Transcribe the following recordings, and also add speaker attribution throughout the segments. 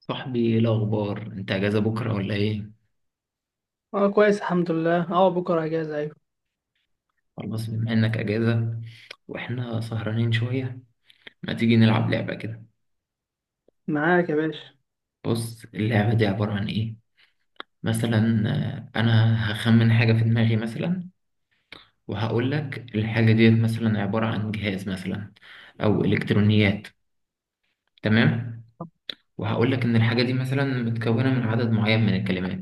Speaker 1: صاحبي، ايه الاخبار؟ انت اجازه بكره ولا ايه؟
Speaker 2: اه، كويس الحمد لله. اه بكره اجازه. ايوه.
Speaker 1: خلاص بما انك اجازه واحنا سهرانين شويه، ما تيجي نلعب لعبه كده؟
Speaker 2: معاك يا باشا.
Speaker 1: بص، اللعبه دي عباره عن ايه؟ مثلا، انا هخمن حاجه في دماغي مثلا، وهقول لك الحاجه ديت مثلا عباره عن جهاز مثلا، او الكترونيات. تمام. وهقول لك ان الحاجه دي مثلا متكونه من عدد معين من الكلمات.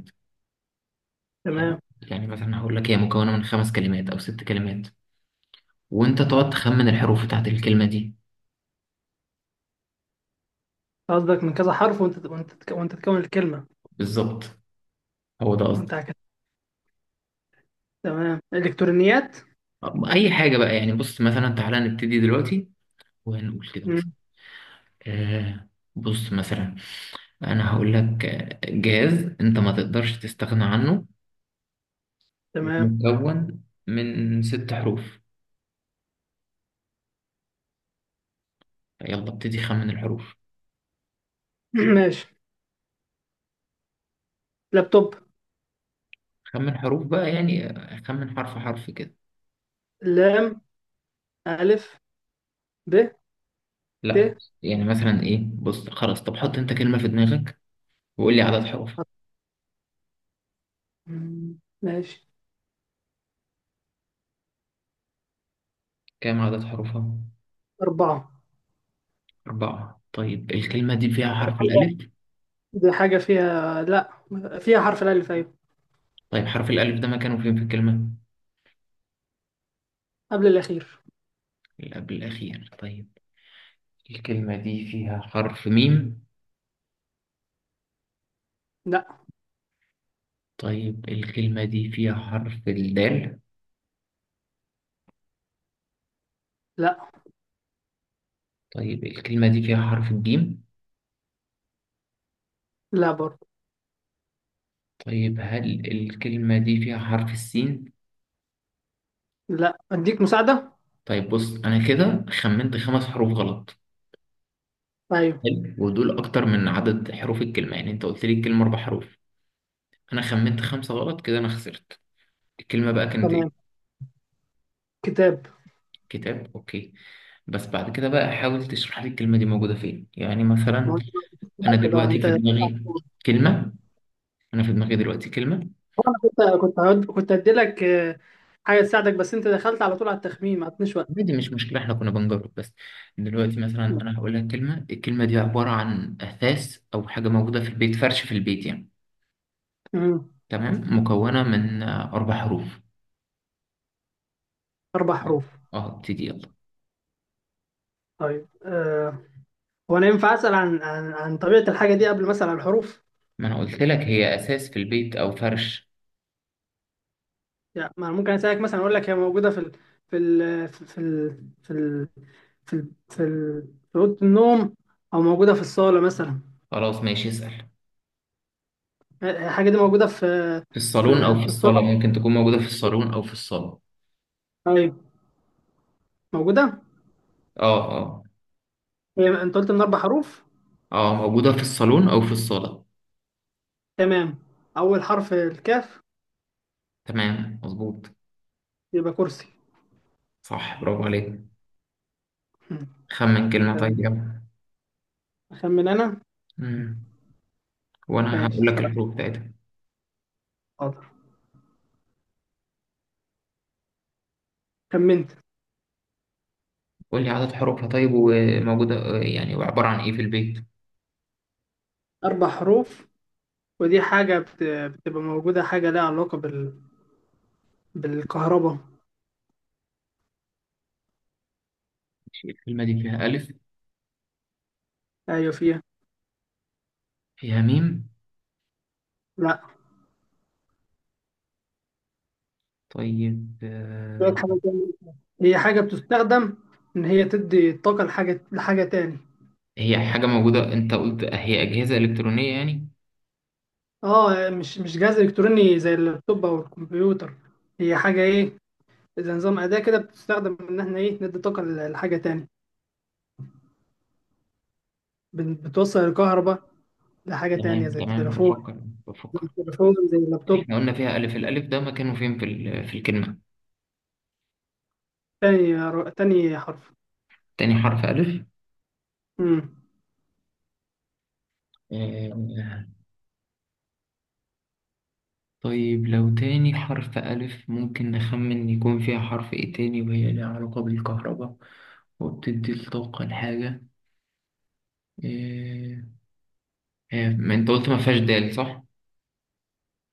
Speaker 1: حلو.
Speaker 2: تمام.
Speaker 1: يعني مثلا هقول لك هي مكونه من 5 كلمات او 6 كلمات، وانت تقعد تخمن الحروف بتاعت الكلمه دي.
Speaker 2: قصدك من كذا حرف وانت تكون الكلمه؟
Speaker 1: بالظبط، هو ده
Speaker 2: انت
Speaker 1: قصدي.
Speaker 2: عكس. تمام. الكترونيات.
Speaker 1: اي حاجه بقى يعني. بص، مثلا تعالى نبتدي دلوقتي وهنقول كده مثلا.
Speaker 2: مم.
Speaker 1: آه، بص مثلا انا هقول لك، جهاز انت ما تقدرش تستغنى عنه
Speaker 2: تمام.
Speaker 1: ومكون من 6 حروف. يلا ابتدي خمن الحروف.
Speaker 2: ماشي. لابتوب.
Speaker 1: خمن حروف بقى يعني، خمن حرف حرف كده.
Speaker 2: لام، الف، ب، ت.
Speaker 1: لا. يعني مثلا ايه، بص خلاص. طب حط انت كلمه في دماغك وقول لي عدد حروفها.
Speaker 2: مم. ماشي.
Speaker 1: كام عدد حروفها؟
Speaker 2: 4.
Speaker 1: 4. طيب الكلمه دي فيها
Speaker 2: دي
Speaker 1: حرف
Speaker 2: حاجه
Speaker 1: الالف؟
Speaker 2: دي حاجة فيها. لا، فيها حرف الالف. ايوه.
Speaker 1: طيب حرف الالف ده مكانه فين في الكلمه؟
Speaker 2: قبل الاخير.
Speaker 1: اللي قبل الأخير. طيب الكلمة دي فيها حرف ميم؟
Speaker 2: لا.
Speaker 1: طيب الكلمة دي فيها حرف الدال؟
Speaker 2: لا.
Speaker 1: طيب الكلمة دي فيها حرف الجيم؟
Speaker 2: لا برضه.
Speaker 1: طيب هل الكلمة دي فيها حرف السين؟
Speaker 2: لا، اديك مساعده؟
Speaker 1: طيب بص، أنا كده خمنت 5 حروف غلط.
Speaker 2: ايوه.
Speaker 1: حلو، ودول أكتر من عدد حروف الكلمة، يعني أنت قلت لي الكلمة 4 حروف، أنا خمنت 5 غلط كده، أنا خسرت. الكلمة بقى كانت إيه؟
Speaker 2: تمام. كتاب.
Speaker 1: كتاب، أوكي. بس بعد كده بقى حاول تشرح لي الكلمة دي موجودة فين، يعني
Speaker 2: ما
Speaker 1: مثلا
Speaker 2: هو،
Speaker 1: أنا
Speaker 2: انت بقى
Speaker 1: دلوقتي
Speaker 2: انت
Speaker 1: في دماغي كلمة. انا في دماغي دلوقتي كلمه.
Speaker 2: انا كنت هديلك حاجه تساعدك، بس انت دخلت على طول على التخمين، ما عطنيش وقت.
Speaker 1: عادي مش مشكله، احنا كنا بنجرب بس. دلوقتي مثلا انا هقول لك كلمه. الكلمه دي عباره عن اثاث او حاجه موجوده في البيت، فرش في البيت يعني.
Speaker 2: مم.
Speaker 1: تمام. مكونه من 4 حروف.
Speaker 2: اربع
Speaker 1: يلا.
Speaker 2: حروف
Speaker 1: اه ابتدي يلا.
Speaker 2: طيب. هو انا ينفع اسال عن طبيعه الحاجه دي قبل مثلا الحروف؟
Speaker 1: ما انا قلت لك هي اساس في البيت او فرش.
Speaker 2: يعني ما أنا ممكن اسالك مثلا، اقول لك هي موجوده في ال... في ال... في ال... في ال... في ال... في اوضه النوم، او موجوده في الصاله مثلا.
Speaker 1: خلاص ماشي، اسال.
Speaker 2: الحاجه دي موجوده في
Speaker 1: في الصالون او
Speaker 2: في
Speaker 1: في
Speaker 2: في
Speaker 1: الصاله،
Speaker 2: الصاله.
Speaker 1: ممكن تكون موجوده في الصالون او في الصاله.
Speaker 2: ايوه، موجوده.
Speaker 1: اه اه.
Speaker 2: هي انت قلت من 4 حروف؟
Speaker 1: اه موجوده في الصالون او في الصاله.
Speaker 2: تمام. اول حرف الكاف.
Speaker 1: تمام مظبوط.
Speaker 2: يبقى كرسي.
Speaker 1: صح، برافو عليك.
Speaker 2: مم.
Speaker 1: خمن كلمه
Speaker 2: تمام.
Speaker 1: طيب، يلا.
Speaker 2: أخمن أنا؟
Speaker 1: مم. وانا
Speaker 2: ماشي.
Speaker 1: هقول لك الحروف بتاعتها.
Speaker 2: حاضر. خمنت.
Speaker 1: قول لي عدد حروفها طيب، وموجودة يعني وعبارة عن إيه في البيت؟
Speaker 2: 4 حروف. ودي حاجة بتبقى موجودة، حاجة لها علاقة بالكهرباء.
Speaker 1: ماشي، الكلمة دي فيها ألف.
Speaker 2: أيوة، فيها.
Speaker 1: فيها ميم؟
Speaker 2: لا.
Speaker 1: طيب،
Speaker 2: شوية حاجة تانية. هي حاجة بتستخدم إن هي تدي طاقة لحاجة تاني.
Speaker 1: هي حاجة موجودة، أنت قلت هي أجهزة إلكترونية يعني؟
Speaker 2: أه، مش جهاز إلكتروني زي اللابتوب أو الكمبيوتر. هي حاجة إيه؟ زي نظام أداة كده، بتستخدم إن إحنا إيه ندي طاقة لحاجة تاني. بتوصل الكهرباء لحاجة تانية
Speaker 1: تمام
Speaker 2: زي
Speaker 1: تمام،
Speaker 2: التليفون.
Speaker 1: بفكر.
Speaker 2: زي
Speaker 1: بفكر.
Speaker 2: التليفون، زي اللابتوب.
Speaker 1: إحنا قلنا فيها ألف، الألف ده مكانه فين في الكلمة؟
Speaker 2: تاني حرف.
Speaker 1: تاني حرف ألف.
Speaker 2: امم
Speaker 1: آه، طيب لو تاني حرف ألف ممكن نخمن يكون فيها حرف إيه تاني، وهي ليها علاقة بالكهرباء وبتدي الطاقة لحاجة. آه، ما أنت قلت ما فيهاش دال صح؟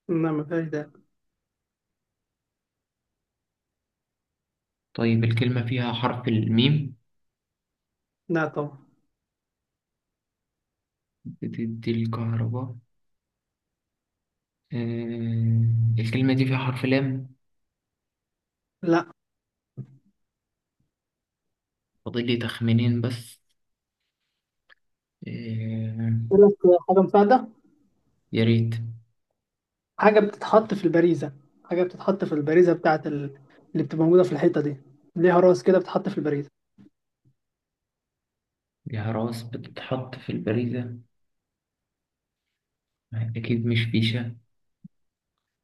Speaker 2: لا، ما فيهاش ده.
Speaker 1: طيب الكلمة فيها حرف الميم؟
Speaker 2: لا طبعا.
Speaker 1: بتدي الكهرباء. آه، الكلمة دي فيها حرف لام؟
Speaker 2: لا.
Speaker 1: فاضل لي تخمينين بس. آه.
Speaker 2: يقول لك. حاجه مساعده.
Speaker 1: يا ريت.
Speaker 2: حاجه بتتحط في البريزه. حاجه بتتحط في البريزه بتاعت اللي بتبقى موجوده في الحيطه دي. ليها راس كده، بتتحط في البريزه.
Speaker 1: ليها راس بتتحط في البريزة. أكيد مش فيشة.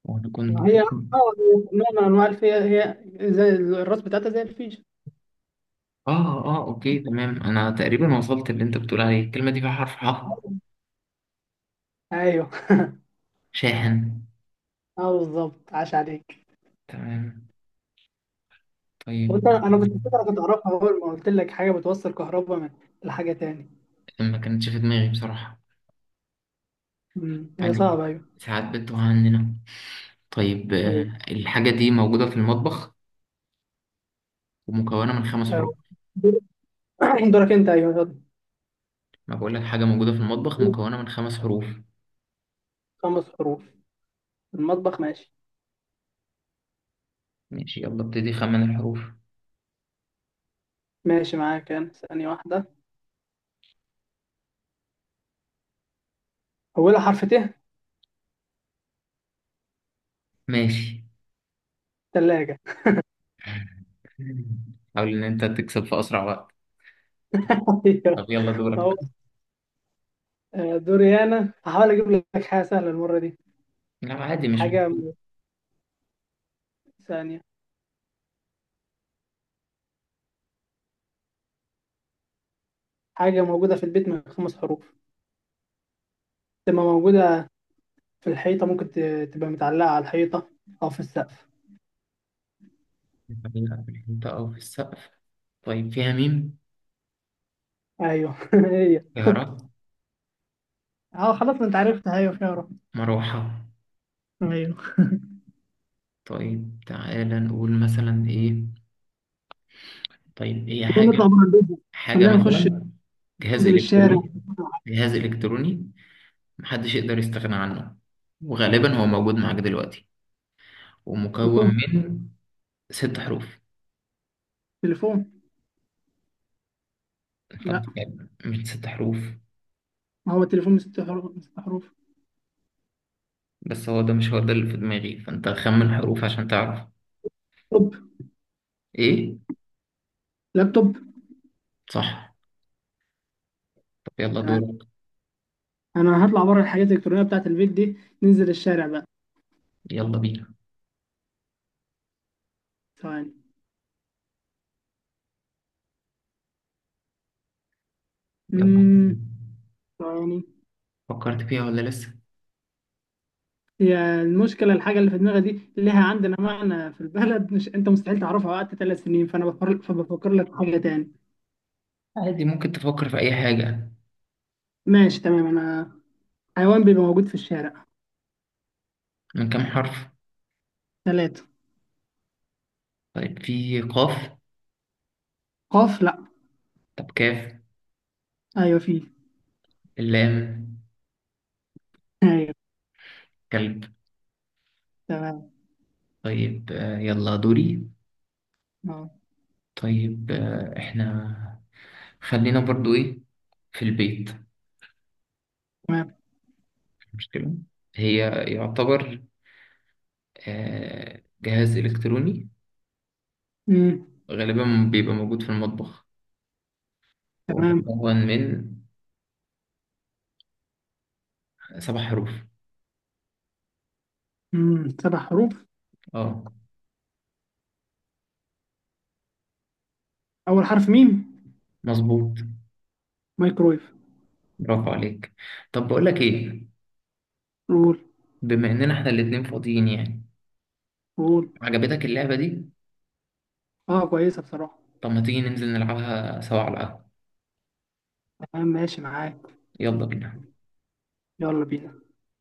Speaker 1: وأنا
Speaker 2: ما
Speaker 1: كنت
Speaker 2: هي نوع من انواع الفي، هي زي الراس بتاعتها، زي الفيشه.
Speaker 1: آه آه أوكي تمام، أنا تقريبا وصلت اللي أنت بتقول عليه. الكلمة دي فيها حرف ح؟
Speaker 2: ايوه.
Speaker 1: شاحن.
Speaker 2: اه، بالظبط، عاش عليك.
Speaker 1: تمام طيب.
Speaker 2: انا كنت فاكر كنت اعرفها اول ما قلت لك حاجه بتوصل كهرباء من لحاجه تاني.
Speaker 1: ما كانتش في دماغي بصراحة،
Speaker 2: هي
Speaker 1: يعني
Speaker 2: صعبه، ايوه.
Speaker 1: ساعات بتوه عننا. طيب، الحاجة دي موجودة في المطبخ ومكونة من 5 حروف.
Speaker 2: أيوة. دور- دورك انت. ايوه.
Speaker 1: ما بقول لك حاجة موجودة في المطبخ
Speaker 2: يلا.
Speaker 1: مكونة من 5 حروف.
Speaker 2: 5 حروف. المطبخ. ماشي.
Speaker 1: ماشي، يلا ابتدي خمن الحروف.
Speaker 2: ماشي معاك، أنا ثانية واحدة. أولها حرف ت.
Speaker 1: ماشي.
Speaker 2: تلاجة.
Speaker 1: حاول إن أنت تكسب في أسرع وقت. طب
Speaker 2: أيوة.
Speaker 1: يلا
Speaker 2: أهو.
Speaker 1: دورك.
Speaker 2: دوري، أنا هحاول أجيب لك حاجة سهلة المرة دي.
Speaker 1: لا عادي، مش
Speaker 2: حاجة
Speaker 1: مشكلة.
Speaker 2: م- ثانية. حاجة موجودة في البيت من 5 حروف. تبقى موجودة في الحيطة، ممكن تبقى متعلقة على الحيطة، أو في السقف.
Speaker 1: لا، أنت أو في السقف. طيب فيها ميم؟
Speaker 2: أيوه. هي.
Speaker 1: فيها را؟
Speaker 2: أه، خلاص، ما أنت عرفتها. أيوه، خيارة.
Speaker 1: مروحة.
Speaker 2: أيوه.
Speaker 1: طيب تعالى نقول مثلا إيه. طيب هي حاجة.
Speaker 2: نطلع بره البيت بقى.
Speaker 1: حاجة
Speaker 2: خلينا نخش.
Speaker 1: مثلا، جهاز
Speaker 2: ننزل الشارع.
Speaker 1: إلكتروني. جهاز إلكتروني محدش يقدر يستغنى عنه، وغالبا هو موجود معاك دلوقتي، ومكون
Speaker 2: تليفون.
Speaker 1: من 6 حروف.
Speaker 2: تليفون.
Speaker 1: طب
Speaker 2: لا.
Speaker 1: يعني مش 6 حروف.
Speaker 2: ما هو التليفون من 6 حروف، من 6 حروف.
Speaker 1: بس هو ده مش هو ده اللي في دماغي، فانت خمن حروف عشان تعرف.
Speaker 2: لابتوب.
Speaker 1: ايه؟
Speaker 2: لابتوب.
Speaker 1: صح. طب يلا دورك.
Speaker 2: انا هطلع بره، الحاجات الالكترونيه بتاعت البيت دي. ننزل الشارع بقى.
Speaker 1: يلا بينا.
Speaker 2: ثواني.
Speaker 1: يلا.
Speaker 2: امم ثواني.
Speaker 1: فكرت فيها ولا لسه؟
Speaker 2: هي المشكله، الحاجه اللي في دماغي دي ليها عندنا معنى في البلد، مش انت مستحيل تعرفها وقت 3 سنين، فانا بفكر، فبفكر لك في حاجه تاني.
Speaker 1: عادي، ممكن تفكر في اي حاجة.
Speaker 2: ماشي، تمام. انا، حيوان بيبقى موجود في الشارع.
Speaker 1: من كام حرف؟
Speaker 2: 3.
Speaker 1: طيب في قاف؟
Speaker 2: قاف؟ لا.
Speaker 1: طب كاف؟
Speaker 2: ايوه، في.
Speaker 1: اللام؟
Speaker 2: ايوه.
Speaker 1: كلب.
Speaker 2: تمام.
Speaker 1: طيب، يلا دوري.
Speaker 2: اه.
Speaker 1: طيب احنا خلينا برضو ايه في البيت،
Speaker 2: تمام.
Speaker 1: مش مشكلة. هي يعتبر جهاز إلكتروني
Speaker 2: امم
Speaker 1: غالبا بيبقى موجود في المطبخ، هو
Speaker 2: تمام.
Speaker 1: مكون من 7 حروف.
Speaker 2: 7 حروف.
Speaker 1: اه
Speaker 2: اول حرف ميم.
Speaker 1: مظبوط.
Speaker 2: مايكرويف.
Speaker 1: برافو عليك. طب بقول لك ايه؟
Speaker 2: قول،
Speaker 1: بما اننا احنا الاتنين فاضيين يعني،
Speaker 2: قول.
Speaker 1: عجبتك اللعبة دي؟
Speaker 2: اه، كويسه بصراحه.
Speaker 1: طب ما تيجي ننزل نلعبها سوا على القهوة؟
Speaker 2: تمام، ماشي معاك.
Speaker 1: يلا بينا.
Speaker 2: يلا بينا.